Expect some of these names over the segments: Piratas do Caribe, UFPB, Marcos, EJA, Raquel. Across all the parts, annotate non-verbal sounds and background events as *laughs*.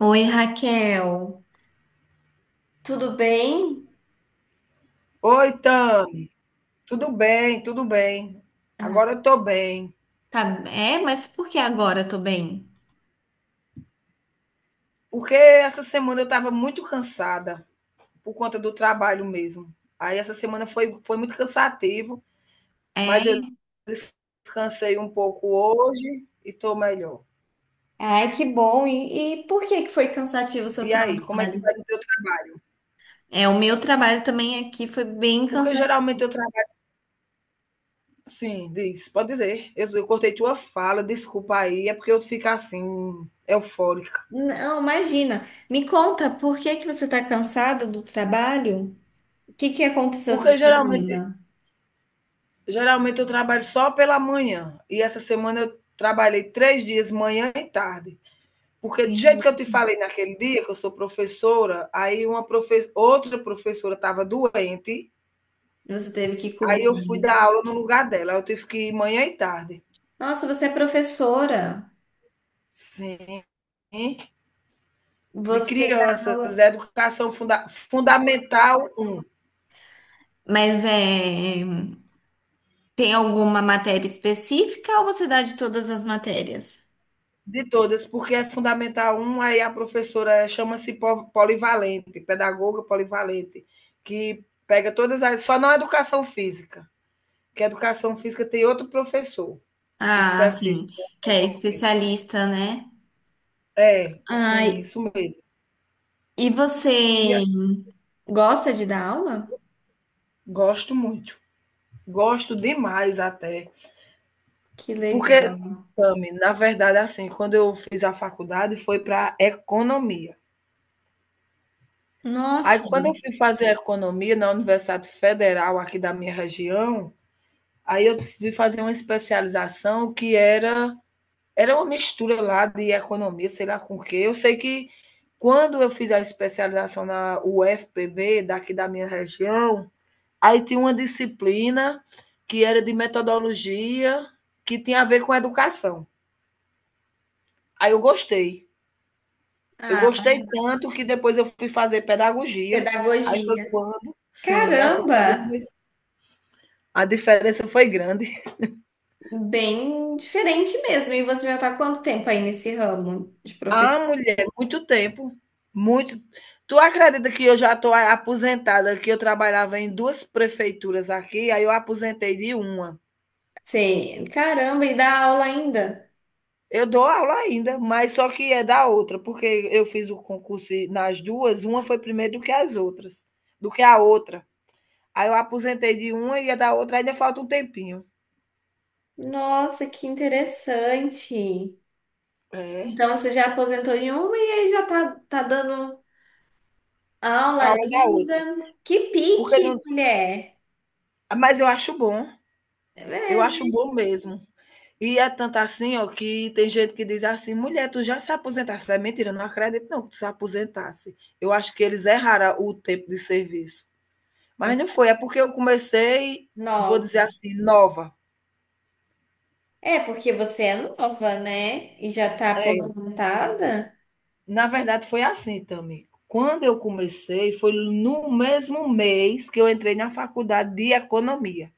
Oi, Raquel. Tudo bem? Oi, Tam. Tudo bem, tudo bem. Ah. Agora eu tô bem. Tá, é, mas por que agora eu tô bem? Porque essa semana eu estava muito cansada por conta do trabalho mesmo. Aí essa semana foi muito cansativo, É. mas eu descansei um pouco hoje e tô melhor. Ai, que bom. E por que que foi cansativo o seu E aí, como é que trabalho? vai o teu trabalho? É, o meu trabalho também aqui foi bem Porque cansativo. geralmente eu trabalho assim, diz, pode dizer. Eu cortei tua fala, desculpa aí, é porque eu fico assim, eufórica. Não, imagina. Me conta, por que que você tá cansada do trabalho? O que que aconteceu essa Porque geralmente semana? Geralmente eu trabalho só pela manhã. E essa semana eu trabalhei 3 dias, manhã e tarde. Porque do jeito Sim. que eu te falei naquele dia, que eu sou professora, aí outra professora estava doente, Você teve que aí eu fui cobrir. dar aula no lugar dela. Eu tive que ir manhã e tarde. Nossa, você é professora. Sim. De Você dá crianças, aula. Fundamental um. Mas é. Tem alguma matéria específica ou você dá de todas as matérias? De todas, porque é fundamental um, aí a professora chama-se polivalente, pedagoga polivalente, que pega todas as. Só não a educação física, que a educação física tem outro professor Ah, sim, específico da que é educação física. especialista, né? É, sim, Ai, isso mesmo. e E a- você gosta de dar aula? Gosto muito, gosto demais até. Que Porque, legal. Tami, na verdade, assim, quando eu fiz a faculdade foi para economia. Aí, Nossa. quando eu fui fazer economia na Universidade Federal aqui da minha região, aí eu decidi fazer uma especialização que era uma mistura lá de economia, sei lá com o quê. Eu sei que quando eu fiz a especialização na UFPB, daqui da minha região, aí tinha uma disciplina que era de metodologia que tinha a ver com educação. Aí eu gostei. Eu Ah, gostei tanto que depois eu fui fazer pedagogia. Pedagogia. Sim, aí foi Caramba! quando eu comecei. A diferença foi grande. Bem diferente mesmo. E você já está há quanto tempo aí nesse ramo de professor? Ah, mulher, muito tempo. Muito. Tu acredita que eu já estou aposentada, que eu trabalhava em duas prefeituras aqui, aí eu aposentei de uma. Você, caramba, e dá aula ainda? Eu dou aula ainda, mas só que é da outra, porque eu fiz o concurso nas duas, uma foi primeiro do que as outras, do que a outra. Aí eu aposentei de uma e a da outra ainda falta um tempinho. Nossa, que interessante. É, Então você já aposentou em uma e aí já tá, tá dando a aula aula da outra. ainda. Que Porque não, pique, mulher. mas É, eu acho verdade, bom mesmo. E é tanto assim, ó, que tem gente que diz assim: mulher, tu já se aposentasse. É mentira, eu não acredito não que tu se aposentasse. Eu acho que eles erraram o tempo de serviço. Mas você não foi, é porque eu comecei, é vou dizer nova. assim, nova. É porque você é nova, né? E já tá É, aposentada? na verdade foi assim, também. Quando eu comecei, foi no mesmo mês que eu entrei na faculdade de economia.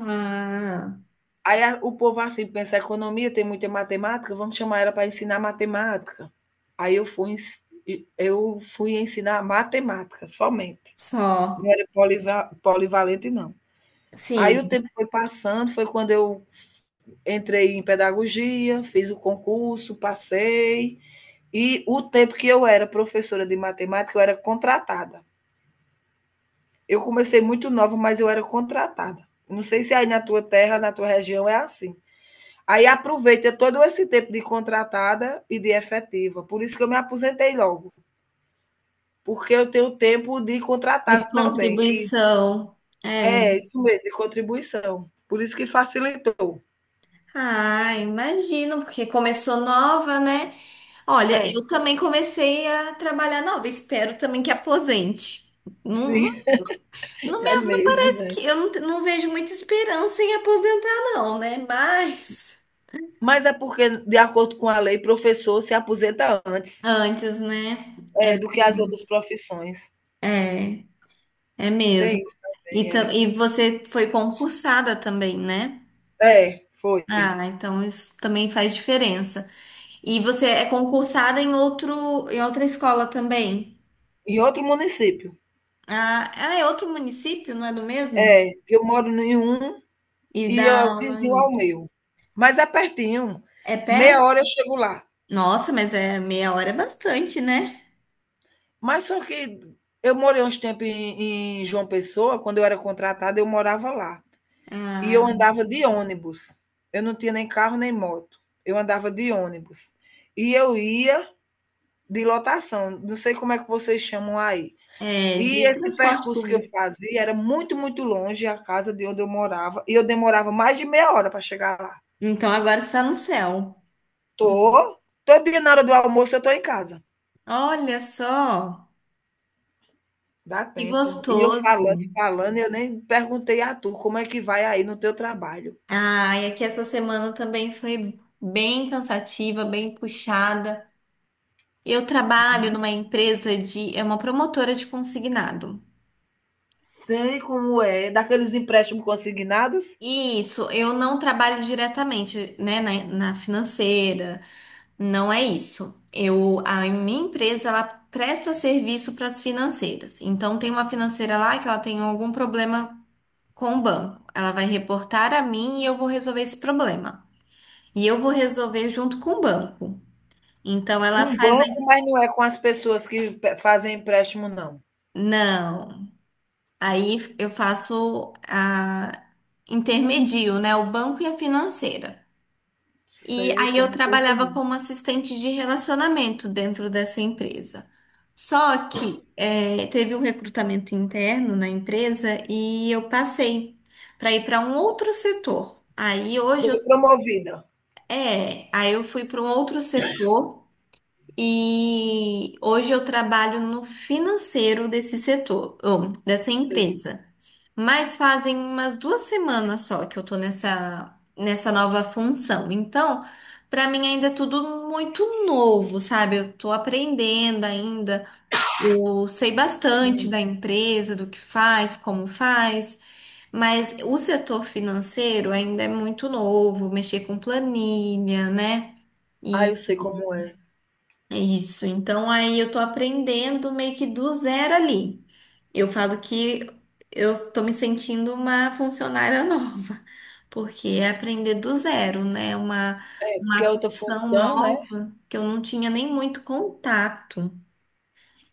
Ah, Aí o povo assim pensa, economia tem muita matemática, vamos chamar ela para ensinar matemática. Aí eu fui ensinar matemática somente. Não só. era polivalente, não. Aí o Sim, tempo foi passando, foi quando eu entrei em pedagogia, fiz o concurso, passei. E o tempo que eu era professora de matemática, eu era contratada. Eu comecei muito nova, mas eu era contratada. Não sei se aí na tua terra, na tua região é assim. Aí aproveita todo esse tempo de contratada e de efetiva. Por isso que eu me aposentei logo, porque eu tenho tempo de de contratado também, que contribuição. É. é isso mesmo, de contribuição. Por isso que facilitou. Ah, imagino, porque começou nova, né? Olha, É, eu também comecei a trabalhar nova. Espero também que aposente. Não, não, sim, *laughs* é não mesmo, parece né? que eu não vejo muita esperança em aposentar, não, né? Mas. Mas é porque, de acordo com a lei, professor se aposenta antes Antes, né? Do que as outras profissões. É, é, é Tem mesmo. isso E, tam- também, e você foi concursada também, né? é. É, foi. Ah, então isso também faz diferença. E você é concursada em outro, em outra escola também? Em outro município. Ah, ah, é outro município, não é do mesmo? É, que eu moro em um. E E dá é aula em vizinho ao outro. meu, mas é pertinho, É pé? meia hora eu chego lá. Nossa, mas é meia hora é bastante, né? Mas só que eu morei uns tempos em João Pessoa, quando eu era contratada eu morava lá, e eu Ah, andava de ônibus, eu não tinha nem carro nem moto, eu andava de ônibus. E eu ia de lotação, não sei como é que vocês chamam aí. é E de esse transporte percurso que eu público. fazia era muito, muito longe a casa de onde eu morava, e eu demorava mais de meia hora para chegar lá. Então agora está no céu. Tô, todo dia na hora do almoço eu tô em casa. Olha só, Dá que tempo. E eu gostoso. falando, falando, eu nem perguntei a tu como é que vai aí no teu trabalho. Ah, e aqui essa semana também foi bem cansativa, bem puxada. Eu trabalho Sim, numa empresa é uma promotora de consignado. sei como é. Daqueles empréstimos consignados? E isso, eu não trabalho diretamente, né, na, na financeira, não é isso. Eu, a minha empresa, ela presta serviço para as financeiras. Então tem uma financeira lá que ela tem algum problema com o banco. Ela vai reportar a mim e eu vou resolver esse problema. E eu vou resolver junto com o banco. Então ela Com faz. banco, mas não é com as pessoas que fazem empréstimo, não. Não. Aí eu faço a intermedio, né? O banco e a financeira. E Sei aí eu como tô trabalhava entendendo. como assistente de relacionamento dentro dessa empresa. Só que teve um recrutamento interno na empresa e eu passei para ir para um outro setor. Aí hoje eu, Foi promovida. é, aí eu fui para um outro setor e hoje eu trabalho no financeiro desse setor, ou dessa Sei, empresa. Mas fazem umas 2 semanas só que eu tô nessa nova função. Então, pra mim ainda é tudo muito novo, sabe? Eu tô aprendendo ainda. Eu sei bastante sim. da empresa, do que faz, como faz, mas o setor financeiro ainda é muito novo, mexer com planilha, né? Ah, eu sei como é. Isso, então aí eu tô aprendendo meio que do zero ali. Eu falo que eu tô me sentindo uma funcionária *laughs* nova, porque é aprender do zero, né? Uma Porque é outra função função, né? nova que eu não tinha nem muito contato.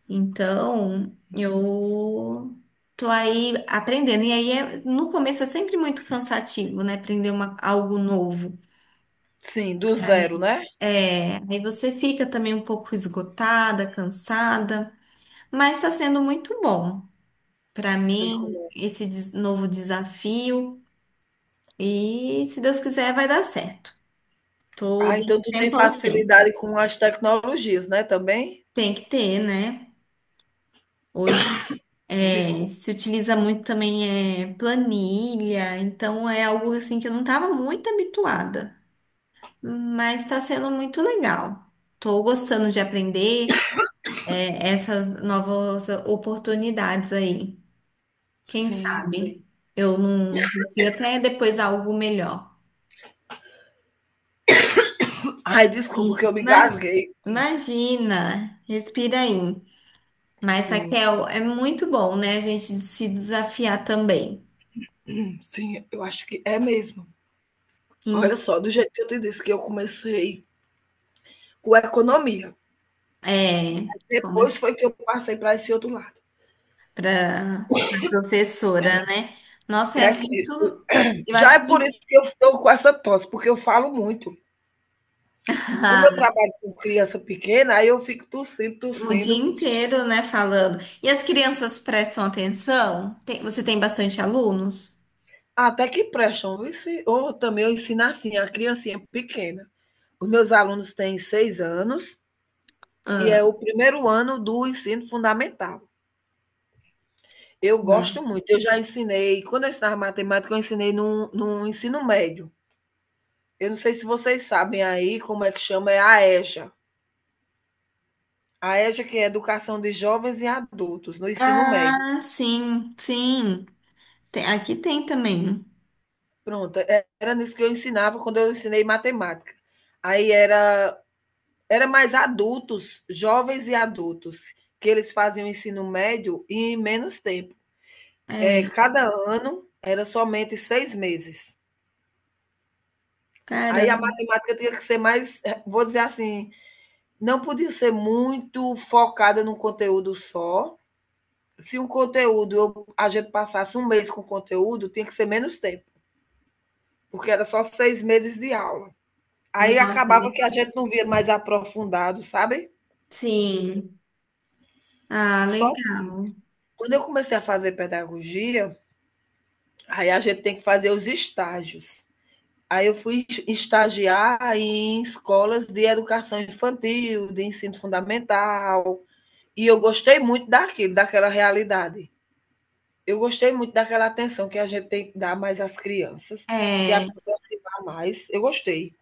Então, eu tô aí aprendendo. E aí, no começo é sempre muito cansativo, né? Aprender algo novo. Sim, do zero, Aí, né? Você fica também um pouco esgotada, cansada. Mas está sendo muito bom para Sei como mim é. esse novo desafio. E se Deus quiser, vai dar certo. Tô Ah, dando então tu tem tempo ao tempo. facilidade com as tecnologias, né, também? Tem que ter, né? Hoje Desculpa. se utiliza muito também é planilha, então é algo assim que eu não estava muito habituada, mas está sendo muito legal. Estou gostando de aprender essas novas oportunidades aí. Quem Sim, sei. sabe eu não consigo até depois algo melhor. Ai, desculpa que eu me Ima- engasguei. Imagina, respira aí. Mas, Sim, Raquel, é muito bom, né? A gente se desafiar também. sim, eu acho que é mesmo. Olha Hum. só, do jeito que eu te disse que eu comecei com economia, É, como depois foi que eu passei para esse outro lado. para a professora, né? Nossa, É é assim, muito. Eu já é acho por muito. isso que eu estou com essa tosse, porque eu falo muito. Como eu *laughs* trabalho com criança pequena, aí eu fico tossindo, O dia tossindo, inteiro, né, falando. E as crianças prestam atenção? Você tem bastante alunos? até que prestam. Ou também eu ensino assim, a criancinha pequena. Os meus alunos têm 6 anos e é o Ah. primeiro ano do ensino fundamental. Eu gosto muito, eu já ensinei quando eu ensinava matemática, eu ensinei num ensino médio. Eu não sei se vocês sabem aí como é que chama, é a EJA. A EJA que é Educação de Jovens e Adultos no ensino médio. Ah, sim, sim. Aqui tem também. Pronto, e era nisso que eu ensinava quando eu ensinei matemática. Aí era mais adultos, jovens e adultos, que eles faziam o ensino médio em menos tempo. É, É cada ano era somente 6 meses. Aí a caramba. matemática tinha que ser mais, vou dizer assim, não podia ser muito focada num conteúdo só. Se um conteúdo, a gente passasse um mês com o conteúdo, tinha que ser menos tempo, porque era só 6 meses de aula. Aí Nossa, acabava é. que a gente não via mais aprofundado, sabe? Sim. Ah, Só legal. quando eu comecei a fazer pedagogia, aí a gente tem que fazer os estágios. Aí eu fui estagiar em escolas de educação infantil, de ensino fundamental, e eu gostei muito daquilo, daquela realidade. Eu gostei muito daquela atenção que a gente tem que dar mais às crianças, se É, aproximar mais. Eu gostei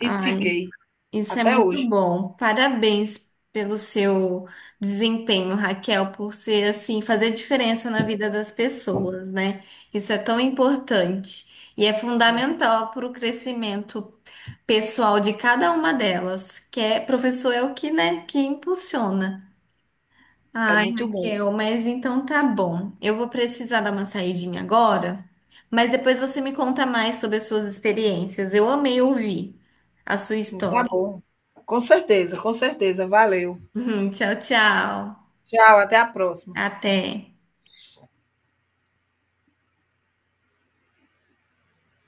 e fiquei isso é até muito hoje. bom. Parabéns pelo seu desempenho, Raquel, por ser assim, fazer diferença na vida das pessoas, né? Isso é tão importante e é fundamental para o crescimento pessoal de cada uma delas, que é professor é o que, né, que impulsiona. É Ai, muito bom. Raquel, mas então tá bom. Eu vou precisar dar uma saidinha agora, mas depois você me conta mais sobre as suas experiências. Eu amei ouvir a sua Sim, tá história. bom. Com certeza, com certeza. Valeu. *laughs* Tchau, tchau. Tchau, até a próxima. Até.